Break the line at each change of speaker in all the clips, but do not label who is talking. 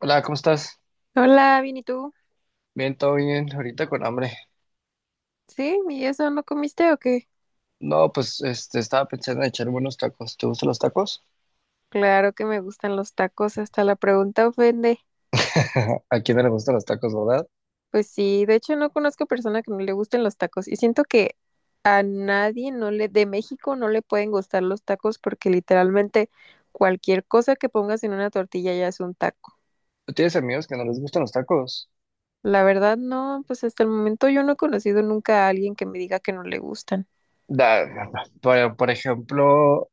Hola, ¿cómo estás?
Hola, bien, ¿y tú?
Bien, todo bien, ahorita con hambre.
¿Sí? ¿Y eso no comiste o qué?
No, pues estaba pensando en echar unos tacos. ¿Te gustan los tacos?
Claro que me gustan los tacos, hasta la pregunta ofende.
¿A quién no le gustan los tacos, verdad?
Pues sí, de hecho no conozco persona que no le gusten los tacos y siento que a nadie no le de México no le pueden gustar los tacos porque literalmente cualquier cosa que pongas en una tortilla ya es un taco.
¿Tú tienes amigos que no les gustan los tacos?
La verdad no, pues hasta el momento yo no he conocido nunca a alguien que me diga que no le gustan.
Da, da, da. Por ejemplo,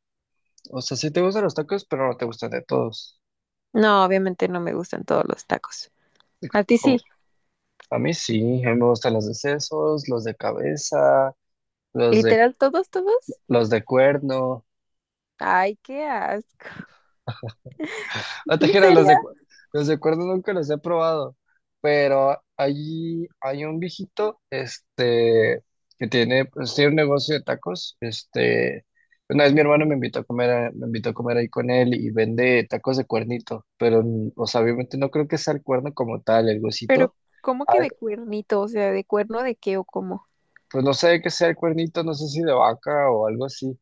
o sea, sí te gustan los tacos, pero no te gustan de todos.
No, obviamente no me gustan todos los tacos. A ti
Como-
sí,
A mí sí, a mí me gustan los de sesos, los de cabeza, los de,
literal todos, todos.
los de cuerno.
Ay, qué asco.
No te
¿En
creas,
serio?
los de cuerda nunca los he probado, pero allí hay un viejito, que tiene, pues, tiene un negocio de tacos, una vez mi hermano me invitó a comer, me invitó a comer ahí con él y vende tacos de cuernito, pero, o sea, obviamente no creo que sea el cuerno como tal, el
Pero,
huesito.
¿cómo
Ah,
que de cuernito? O sea, ¿de cuerno de qué o cómo?
pues no sé qué sea el cuernito, no sé si de vaca o algo así,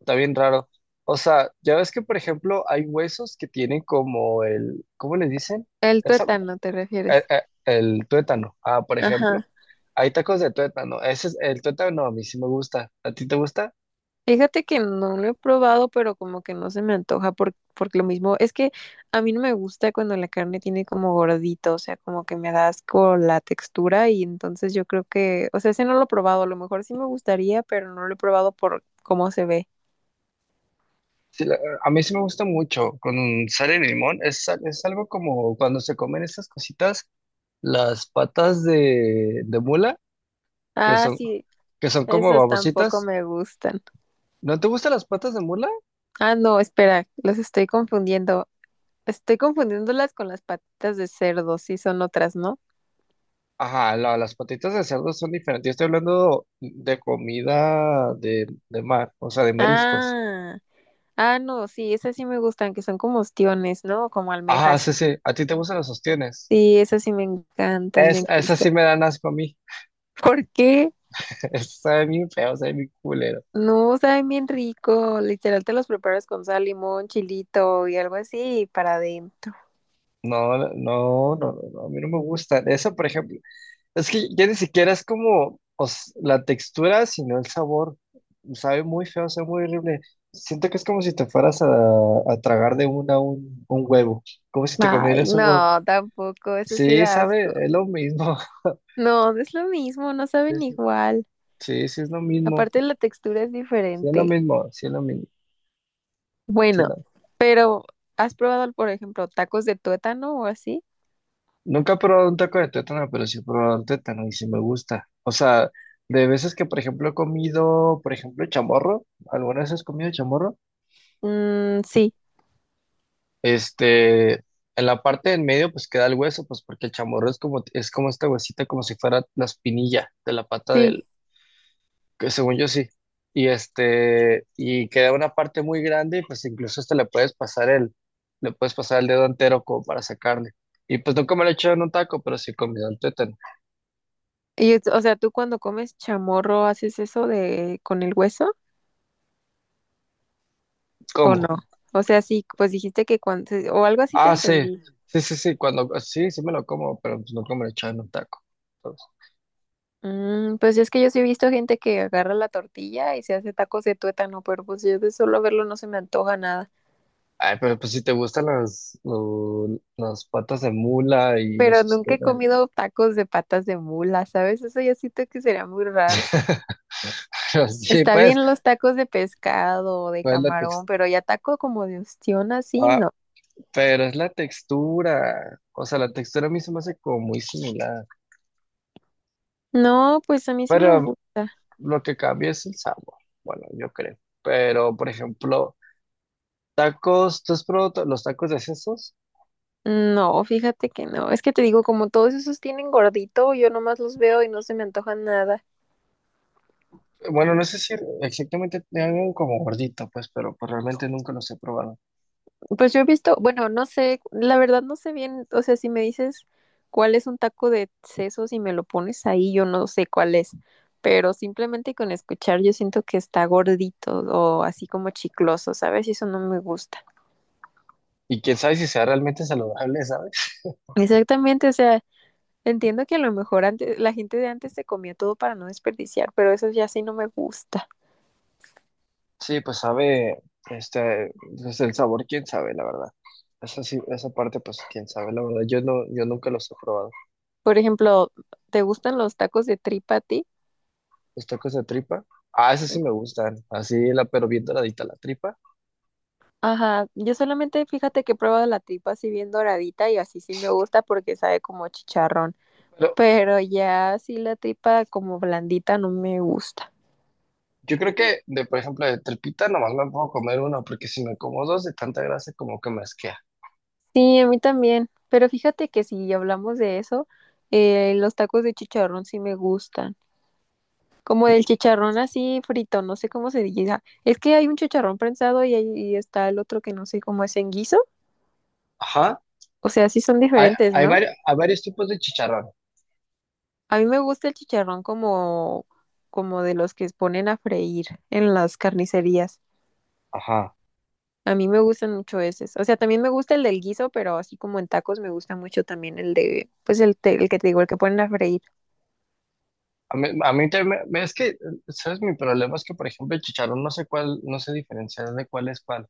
está bien raro. O sea, ya ves que, por ejemplo, hay huesos que tienen como el, ¿cómo le dicen?
El tuétano, ¿te refieres?
El tuétano, ah, por ejemplo.
Ajá.
Hay tacos de tuétano. Ese es el tuétano, a mí sí me gusta. ¿A ti te gusta?
Fíjate que no lo he probado, pero como que no se me antoja porque lo mismo es que a mí no me gusta cuando la carne tiene como gordito, o sea, como que me da asco la textura y entonces yo creo que, o sea, ese no lo he probado, a lo mejor sí me gustaría, pero no lo he probado por cómo se ve.
Sí, a mí sí me gusta mucho con sal y limón. Es, es algo como cuando se comen esas cositas, las patas de mula, que
Ah,
son,
sí,
que son como
esos tampoco
babositas.
me gustan.
¿No te gustan las patas de mula?
Ah, no, espera, los estoy confundiendo. Estoy confundiéndolas con las patitas de cerdo, sí son otras, ¿no?
Ajá, las patitas de cerdo son diferentes. Yo estoy hablando de comida de mar, o sea, de mariscos.
Ah, ah, no, sí, esas sí me gustan, que son como ostiones, ¿no? Como
Ajá,
almejas.
sí, sí. ¿A ti te gustan los sostienes?
Sí, esas sí me encantan,
Es,
me
esas
gustan.
sí me dan asco a mí.
¿Por qué?
Eso sabe bien feo, sabe bien culero.
No, saben bien rico. Literal te los preparas con sal, limón, chilito y algo así y para adentro.
No, no, no, no, no, a mí no me gusta. Eso, por ejemplo, es que ya ni siquiera es como la textura, sino el sabor. Sabe muy feo, sabe muy horrible. Siento que es como si te fueras a tragar de una un huevo. Como si te
Ay,
comieras un huevo.
no, tampoco, eso sí
Sí,
da
sabe,
asco.
es lo mismo.
No, no es lo mismo, no
Sí,
saben
sí,
igual.
sí, sí es lo mismo.
Aparte la textura es
Sí es lo
diferente.
mismo, sí es lo mismo.
Bueno. Pero, ¿has probado, por ejemplo, tacos de tuétano o así?
Nunca he probado un taco de tuétano, pero sí he probado un tuétano y sí me gusta. O sea, de veces que, por ejemplo, he comido, por ejemplo, chamorro, algunas veces he comido chamorro,
Mm, sí,
en la parte de en medio pues queda el hueso, pues porque el chamorro es como esta huesita, como si fuera la espinilla de la pata
sí.
del, que según yo sí. Y y queda una parte muy grande y pues incluso hasta le puedes pasar le puedes pasar el dedo entero como para sacarle. Y pues nunca me lo he hecho en un taco, pero sí he comido el tuétano.
Y, o sea, ¿tú cuando comes chamorro haces eso de con el hueso o
¿Cómo?
no? O sea, sí, pues dijiste que cuando, o algo así te
Ah, sí,
entendí.
sí, sí, sí, cuando, sí, sí me lo como, pero pues nunca me lo he en un taco. Entonces,
Mm, pues es que yo sí he visto gente que agarra la tortilla y se hace tacos de tuétano, pero pues yo de solo verlo no se me antoja nada.
ay, pero pues si te gustan las patas de mula y los
Pero nunca he
sostenes.
comido tacos de patas de mula, ¿sabes? Eso yo siento que sería muy raro.
Pero sí,
Está
pues,
bien los tacos de pescado o de
pues es la
camarón, pero ya taco como de ostión así,
textura.
no.
Pero es la textura. O sea, la textura a mí se me hace como muy similar.
No, pues a mí sí me
Pero
gusta.
lo que cambia es el sabor. Bueno, yo creo. Pero, por ejemplo, tacos, ¿tú has probado los tacos de sesos?
No, fíjate que no. Es que te digo, como todos esos tienen gordito, yo nomás los veo y no se me antoja nada.
Bueno, no sé si exactamente algo como gordito, pues, pero pues realmente nunca los he probado.
Pues yo he visto, bueno, no sé, la verdad no sé bien, o sea, si me dices cuál es un taco de sesos y me lo pones ahí, yo no sé cuál es. Pero simplemente con escuchar yo siento que está gordito o así como chicloso, ¿sabes? Y eso no me gusta.
Y quién sabe si sea realmente saludable, ¿sabes?
Exactamente, o sea, entiendo que a lo mejor antes, la gente de antes se comía todo para no desperdiciar, pero eso ya sí no me gusta.
Sí, pues sabe, este, pues, el sabor, quién sabe, la verdad. Esa sí, esa parte, pues, quién sabe, la verdad. Yo no, yo nunca los he probado.
Por ejemplo, ¿te gustan los tacos de tripa a ti?
Los tacos de tripa, ah, esos sí me gustan, así, la, pero bien doradita la tripa.
Ajá, yo solamente fíjate que he probado la tripa así bien doradita y así sí me gusta porque sabe como chicharrón,
Pero
pero ya así la tripa como blandita no me gusta.
yo creo que, de, por ejemplo, de tripita nomás me puedo comer uno, porque si me como dos de tanta grasa, como que me asquea.
Sí, a mí también, pero fíjate que si hablamos de eso, los tacos de chicharrón sí me gustan. Como el chicharrón así frito, no sé cómo se diga. Es que hay un chicharrón prensado y, y está el otro que no sé cómo es en guiso.
Ajá,
O sea, sí son diferentes, ¿no?
hay varios tipos de chicharrón.
A mí me gusta el chicharrón como de los que ponen a freír en las carnicerías.
Ajá.
A mí me gustan mucho esos. O sea, también me gusta el del guiso, pero así como en tacos me gusta mucho también el de, pues el, el que te digo, el que ponen a freír.
A mí también, es que, ¿sabes? Mi problema es que, por ejemplo, el chicharrón no sé cuál, no sé diferenciar de cuál.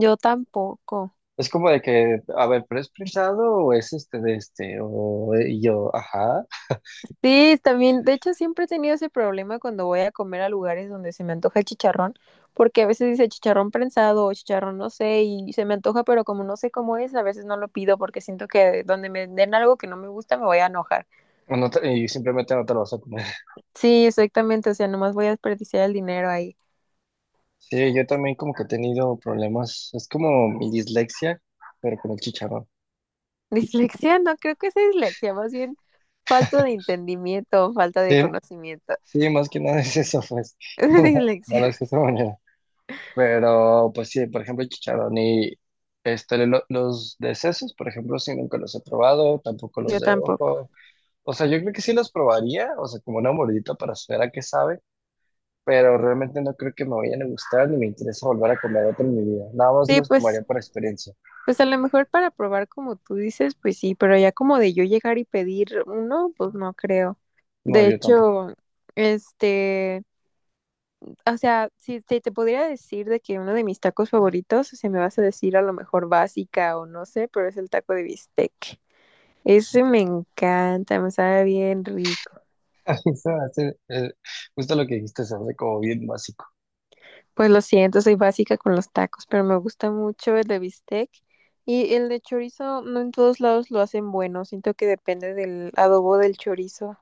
Yo tampoco.
Es como de que, a ver, ¿pero es prensado o es este de este? O y yo, ajá.
Sí, también, de hecho siempre he tenido ese problema cuando voy a comer a lugares donde se me antoja el chicharrón, porque a veces dice chicharrón prensado o chicharrón no sé, y se me antoja, pero como no sé cómo es, a veces no lo pido porque siento que donde me den algo que no me gusta me voy a enojar.
O y simplemente no te lo vas a comer.
Sí, exactamente, o sea, nomás voy a desperdiciar el dinero ahí.
Sí, yo también como que he tenido problemas. Es como mi dislexia, pero con el chicharrón.
Dislexia, no creo que sea dislexia, más bien falta de entendimiento, falta de
Sí,
conocimiento.
sí, más que nada es eso, pues. No
Dislexia,
lo es de esa manera. Pero, pues sí, por ejemplo, chicharrón y los de sesos, por ejemplo, sí nunca los he probado, tampoco los
yo
de
tampoco.
ojo. O sea, yo creo que sí los probaría, o sea, como una mordita para saber a qué sabe, pero realmente no creo que me vayan a gustar ni me interesa volver a comer otro en mi vida. Nada más
Sí,
los comería
pues.
por experiencia.
Pues a lo mejor para probar como tú dices, pues sí, pero ya como de yo llegar y pedir uno, pues no creo.
No,
De
yo tampoco.
hecho, este, o sea, si te podría decir de que uno de mis tacos favoritos, se me vas a decir a lo mejor básica o no sé, pero es el taco de bistec. Ese me encanta, me sabe bien rico.
Se me hace, justo lo que dijiste, se hace como bien básico.
Pues lo siento, soy básica con los tacos, pero me gusta mucho el de bistec. Y el de chorizo, no en todos lados lo hacen bueno, siento que depende del adobo del chorizo.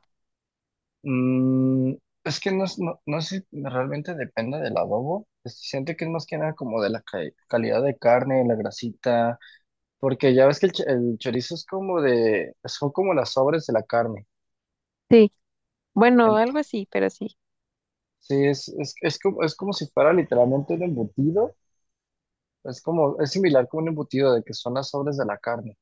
Mm, es que no, no, no sé, si realmente depende del adobo. Siento que es más que nada como de la calidad de carne, la grasita, porque ya ves que el chorizo es como de, son como las sobres de la carne.
Sí, bueno,
En-
algo así, pero sí.
sí, es como si fuera literalmente un embutido. Es como, es similar como un embutido de que son las sobres de la carne,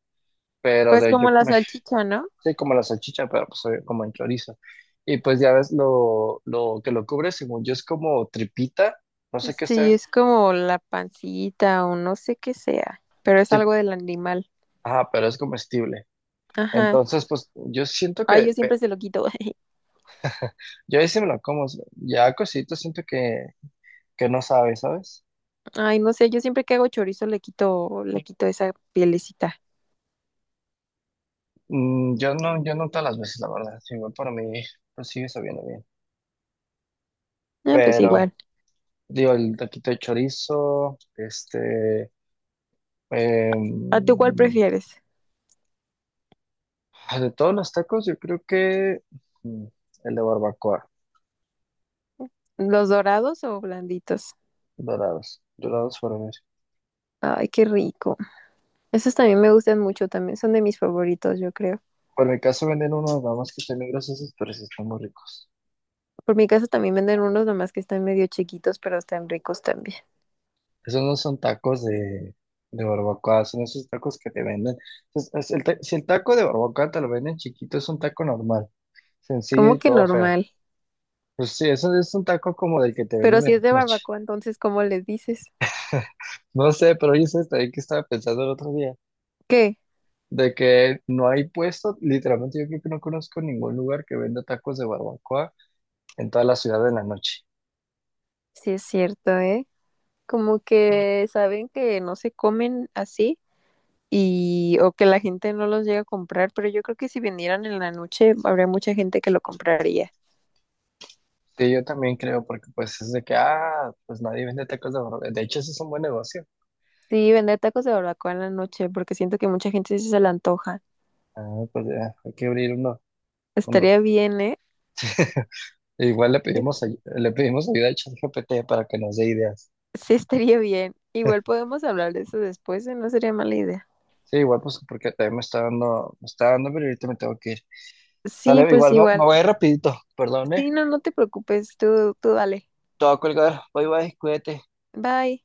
pero
Pues
de, yo,
como la
me
salchicha, ¿no?
sí, como la salchicha, pero pues como en chorizo. Y pues ya ves lo que lo cubre, según yo, es como tripita, no sé qué
Sí,
sea.
es como la pancita o no sé qué sea, pero es
Sí,
algo del animal.
ah, pero es comestible.
Ajá.
Entonces, pues yo siento
Ay,
que,
yo siempre se lo quito.
yo ahí sí me lo como, ya cosito siento que no sabe, ¿sabes?
Ay, no sé, yo siempre que hago chorizo le quito esa pielecita.
Yo no, yo no todas las veces, la verdad, sí, igual para mí, pues sigue sabiendo bien.
Ah, pues
Pero,
igual.
digo, el taquito de chorizo,
¿A tú cuál
em,
prefieres?
de todos los tacos, yo creo que mm, el de barbacoa,
¿Los dorados o blanditos?
dorados, dorados por mí.
Ay, qué rico. Esos también me gustan mucho, también son de mis favoritos, yo creo.
Por mi caso venden unos, nada más que están muy grasosos, pero sí están muy ricos.
Por mi casa también venden unos nomás que están medio chiquitos, pero están ricos también.
Esos no son tacos de barbacoa, son esos tacos que te venden. Si el taco de barbacoa te lo venden chiquito, es un taco normal, sencillo
¿Cómo
y
que
todo feo.
normal?
Pues sí, eso es un taco como del que te
Pero
venden
si
en la
es de
noche.
barbacoa, entonces, ¿cómo les dices?
No sé, pero yo sé también que estaba pensando el otro día,
¿Qué?
de que no hay puesto, literalmente yo creo que no conozco ningún lugar que venda tacos de barbacoa en toda la ciudad en la noche.
Sí es cierto, ¿eh? Como que saben que no se comen así y o que la gente no los llega a comprar, pero yo creo que si vendieran en la noche, habría mucha gente que lo compraría.
Sí, yo también creo, porque pues es de que, ah, pues nadie vende tacos de barbacoa. De hecho, ese es un buen negocio.
Sí, vender tacos de barbacoa en la noche, porque siento que mucha gente sí se le antoja.
Ah, pues ya, hay que abrir uno. Uno.
Estaría bien, ¿eh?
E igual le pedimos, le pedimos ayuda a ChatGPT para que nos dé ideas.
Sí, estaría bien. Igual podemos hablar de eso después, ¿eh? No sería mala idea.
Sí, igual pues porque también me está dando, pero ahorita me tengo que ir.
Sí,
Sale,
pues
igual me
igual.
voy rapidito, perdón, eh.
Sí, no, no te preocupes, tú dale.
Te voy a colgar. Bye bye, cuídate.
Bye.